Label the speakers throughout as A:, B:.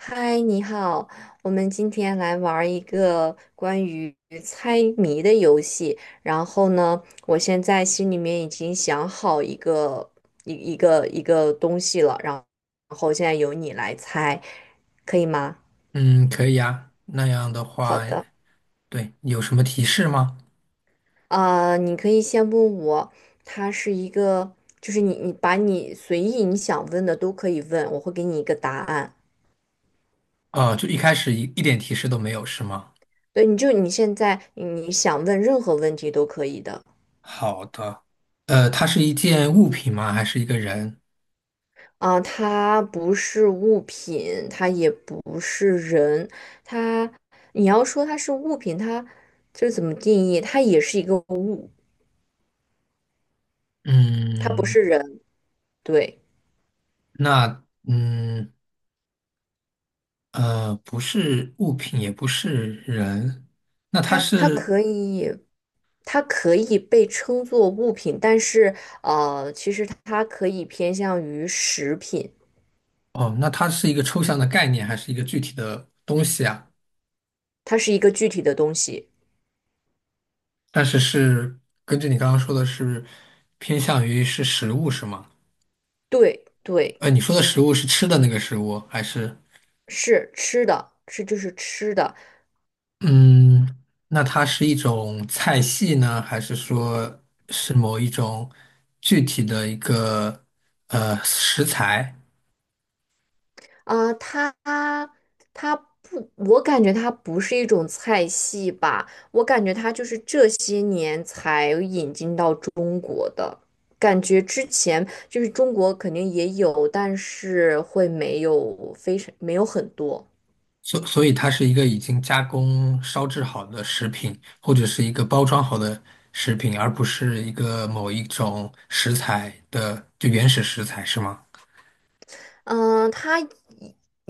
A: 嗨，你好，我们今天来玩儿一个关于猜谜的游戏。然后呢，我现在心里面已经想好一个东西了，然后现在由你来猜，可以吗？
B: 嗯，可以呀。那样的
A: 好
B: 话，
A: 的。
B: 对，有什么提示吗？
A: 你可以先问我，它是一个，就是你把你随意你想问的都可以问，我会给你一个答案。
B: 哦，就一开始一点提示都没有，是吗？
A: 对，你现在想问任何问题都可以的。
B: 好的。它是一件物品吗？还是一个人？
A: 啊，它不是物品，它也不是人。它，你要说它是物品，它就是怎么定义？它也是一个物，它不
B: 嗯，
A: 是人。对，
B: 那嗯不是物品，也不是人。那它
A: 它，它
B: 是
A: 可以，它可以被称作物品，但是，其实它可以偏向于食品。
B: 哦，那它是一个抽象的概念，还是一个具体的东西啊？
A: 它是一个具体的东西。
B: 但是是根据你刚刚说的是偏向于是食物，是吗？
A: 对对，
B: 呃，你说的食物是吃的那个食物，还是？
A: 是吃的，就是吃的。
B: 嗯，那它是一种菜系呢，还是说是某一种具体的一个食材？
A: 啊，它它不，我感觉它不是一种菜系吧，我感觉它就是这些年才引进到中，感觉之前就是中国肯定也有，但是会没有非常没有很多。
B: 所以它是一个已经加工烧制好的食品，或者是一个包装好的食品，而不是一个某一种食材的就原始食材，是吗？
A: 嗯，它以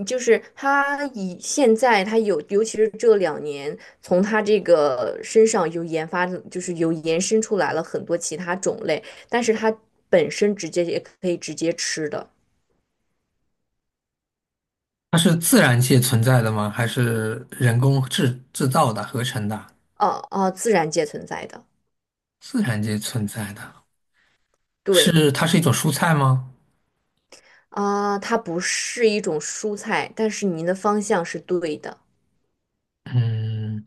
A: 就是它以现在它有，尤其是这两年，从它这个身上有研发，就是有延伸出来了很多其他种类，但是它本身直接也可以直接吃的。
B: 它是自然界存在的吗？还是人工制造的、合成的？
A: 哦哦，自然界存在的。
B: 自然界存在的，
A: 对
B: 是它是一种蔬菜吗？
A: 啊，它不是一种蔬菜，但是您的方向是对的。
B: 嗯。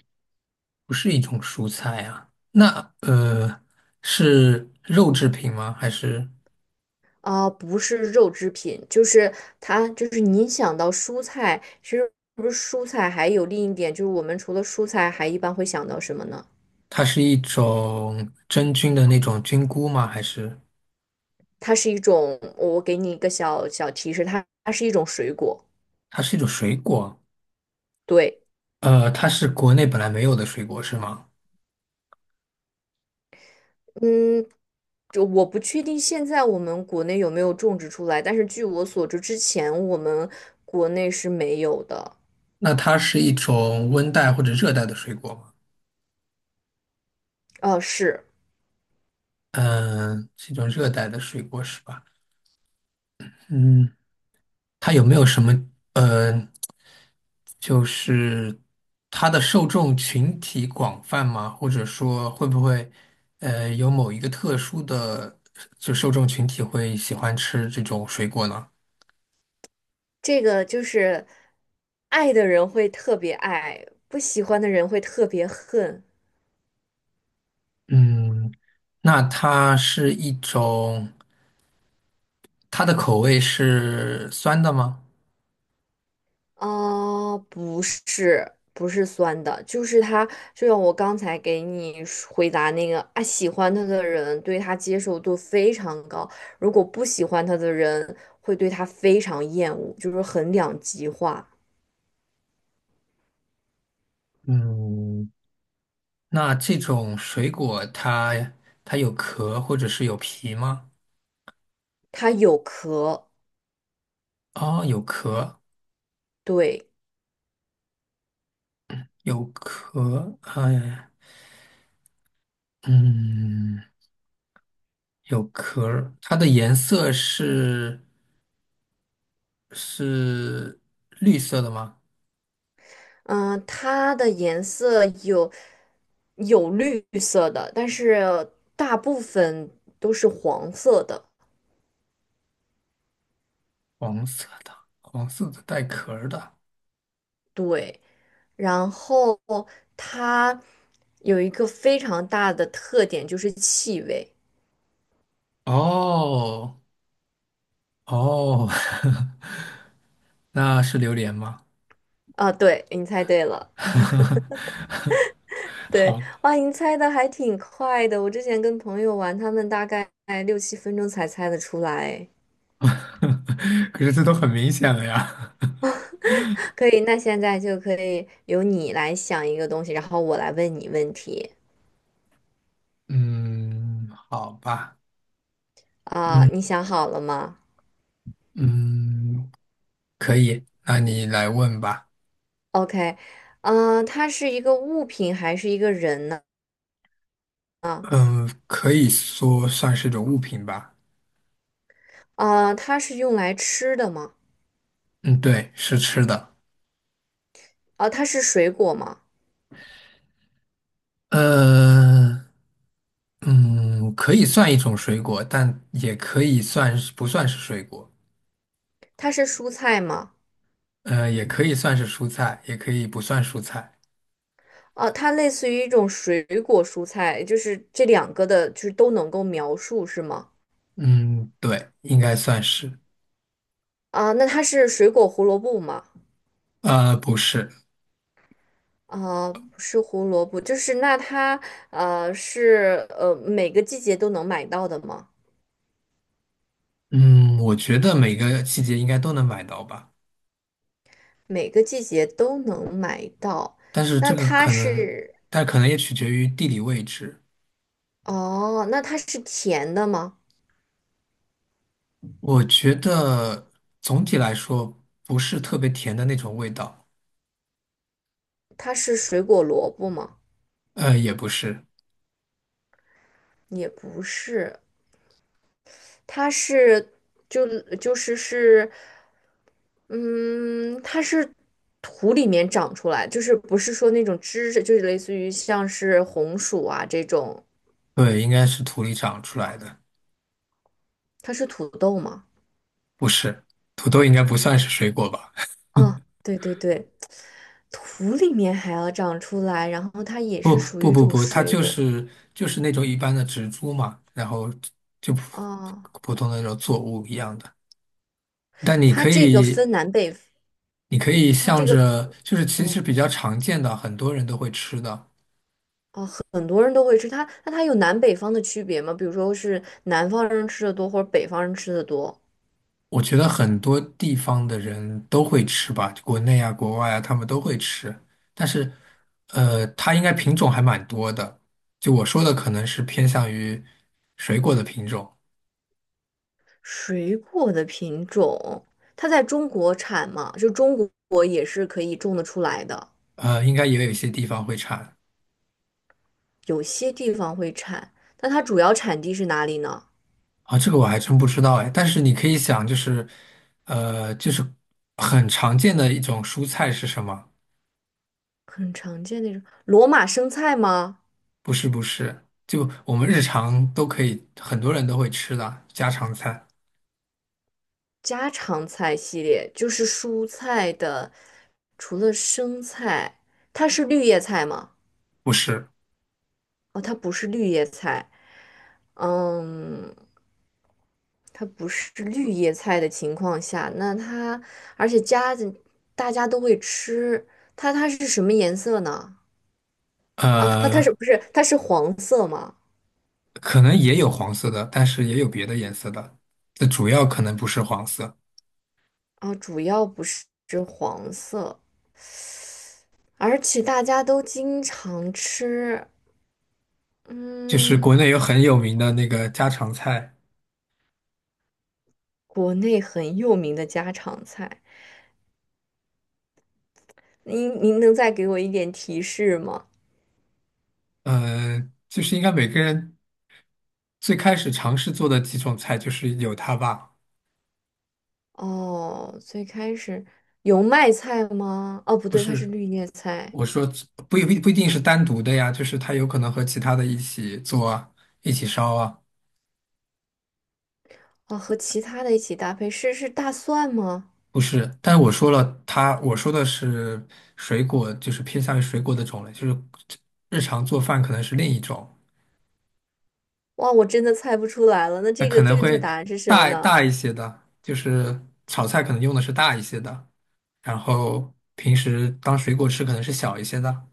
B: 不是一种蔬菜啊？那是肉制品吗？还是
A: 啊，不是肉制品，就是它，您想到蔬菜，其实不是蔬菜，还有另一点就是我们除了蔬菜，还一般会想到什么呢？
B: 它是一种真菌的那种菌菇吗？还是
A: 它是一种，我给你一个小小提示，它是一种水果。
B: 它是一种水果？
A: 对，
B: 呃，它是国内本来没有的水果是吗？
A: 嗯。就我不确定现在我们国内有没有种植出来，但是据我所知，之前我们国内是没有的。
B: 那它是一种温带或者热带的水果吗？
A: 哦，是。
B: 嗯、是一种热带的水果是吧？嗯。它有没有什么呃，就是它的受众群体广泛吗？或者说会不会有某一个特殊的就受众群体会喜欢吃这种水果呢？
A: 这个，就是爱的人会特别爱，不喜欢的人会特别恨。
B: 嗯，那它是一种，它的口味是酸的吗？
A: 啊，不是，不是酸的，就是他，就像我刚才给你说回答那个啊，喜欢他的人对他接受度非常高，如果不喜欢他的人会对他非常厌恶，就是很两极化。
B: 嗯，那这种水果它它有壳或者是有皮吗？
A: 它有壳。
B: 哦，有壳，
A: 对。
B: 有壳，哎。嗯，有壳儿，它的颜色是是绿色的吗？
A: 嗯，它的颜色有。有绿色的，但是大部分都是黄色的。
B: 黄色的，黄色的带壳儿的。
A: 对。然后它有一个非常大的特点，就是气味。
B: 哦哦，那是榴莲吗？
A: 啊，对，你猜对了。对，
B: 好，
A: 哇，你猜的还挺快的。我之前跟朋友玩，他们大概6、7分钟才猜得出来。
B: 可是这都很明显了呀。
A: 可以，那现在就可以由你来想一个东西，然后我来问你问题。
B: 嗯，好吧，
A: 啊，
B: 嗯
A: 你想好了吗？
B: 嗯，可以，那你来问吧。
A: OK，它是一个物品还是一个人呢？
B: 嗯，可以说算是种物品吧。
A: 啊，它是用来吃的吗？
B: 嗯，对，是吃的。
A: 啊，它是水果吗？
B: 呃，嗯，可以算一种水果，但也可以算是不算是水果，
A: 它是蔬菜吗？
B: 呃，也可以算是蔬菜，也可以不算蔬菜。
A: 啊，它类似于一种水果蔬菜，就是这两个的，就是都能够描述是吗？
B: 嗯，对，应该算是。
A: 啊，那它是水果胡萝卜吗？
B: 呃，不是，
A: 啊，不是胡萝卜，就是那它是每个季节都能买到的吗？
B: 嗯，我觉得每个季节应该都能买到吧，
A: 每个季节都能买到，
B: 但是
A: 那
B: 这个
A: 它
B: 可能，
A: 是。
B: 但可能也取决于地理位置。
A: 哦，那它是甜的吗？
B: 我觉得总体来说不是特别甜的那种味道，
A: 它是水果萝卜吗？
B: 呃，也不是，
A: 也不是。它是就就是是，嗯，它是土里面长出来，就是不是说那种枝就是类似于像是红薯啊这种。
B: 对，应该是土里长出来的。
A: 它是土豆吗？
B: 不是，土豆应该不算是水果吧？
A: 啊，对对对，土里面还要长出来，然后它也
B: 不
A: 是属
B: 不
A: 于一
B: 不
A: 种
B: 不，它
A: 水
B: 就
A: 果。
B: 是就是那种一般的植株嘛，然后就普
A: 哦，
B: 普通的那种作物一样的。但你
A: 它
B: 可
A: 这个
B: 以
A: 分南北。
B: 你可以
A: 它
B: 向
A: 这个，
B: 着，就是其实
A: 嗯，
B: 比较常见的，很多人都会吃的。
A: 哦，很多人都会吃它，那它有南北方的区别吗？比如说是南方人吃的多，或者北方人吃的多？
B: 我觉得很多地方的人都会吃吧，国内啊、国外啊，他们都会吃。但是，呃，它应该品种还蛮多的。就我说的，可能是偏向于水果的品种。
A: 水果的品种，它在中国产吗？就中国也是可以种得出来的。
B: 呃，应该也有一些地方会产
A: 有些地方会产，那它主要产地是哪里呢？
B: 啊，这个我还真不知道哎。但是你可以想，就是，就是很常见的一种蔬菜是什么？
A: 很常见那种罗马生菜吗？
B: 不是不是，就我们日常都可以，很多人都会吃的家常菜，
A: 家常菜系列就是蔬菜的，除了生菜，它是绿叶菜吗？
B: 不是？
A: 哦，它不是绿叶菜。嗯，它不是绿叶菜的情况下，那它而且夹子大家都会吃，它是什么颜色呢？啊，它它是
B: 呃，
A: 不是它是黄色吗？
B: 可能也有黄色的，但是也有别的颜色的，这主要可能不是黄色。
A: 啊，主要不是黄色，而且大家都经常吃。
B: 就是
A: 嗯，
B: 国内有很有名的那个家常菜，
A: 国内很有名的家常菜。您能再给我一点提示吗？
B: 呃，就是应该每个人最开始尝试做的几种菜，就是有它吧。
A: 哦，最开始油麦菜吗？哦，不
B: 不
A: 对，它是
B: 是
A: 绿叶菜。
B: 我说不不不一定是单独的呀，就是它有可能和其他的一起做啊，一起烧啊，
A: 哦，和其他的一起搭配是大蒜吗？
B: 不是。但是我说了它，我说的是水果，就是偏向于水果的种类，就是日常做饭可能是另一种，
A: 哇，我真的猜不出来了。那
B: 那
A: 这个
B: 可能
A: 正确
B: 会
A: 答案是什么
B: 大
A: 呢？
B: 大一些的，就是炒菜可能用的是大一些的，然后平时当水果吃可能是小一些的，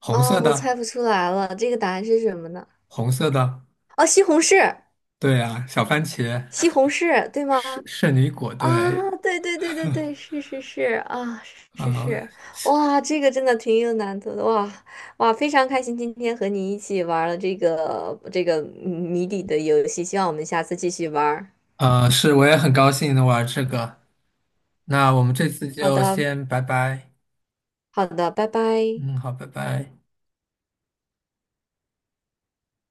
B: 红
A: 啊，
B: 色
A: 我
B: 的，
A: 猜不出来了。这个答案是什么呢？
B: 红色的，
A: 哦，西红柿。
B: 对啊，小番茄，
A: 西红柿，对吗？
B: 圣女果，
A: 啊，
B: 对。
A: 对对对对对，是是是啊，是
B: 啊、
A: 是。哇，这个真的挺有难度的哇哇，非常开心今天和你一起玩了这个谜底的游戏，希望我们下次继续玩儿。
B: 呃，是，我也很高兴能玩这个。那我们这次
A: 好
B: 就
A: 的。
B: 先拜拜。
A: 好的，拜拜。
B: 嗯，好，拜拜。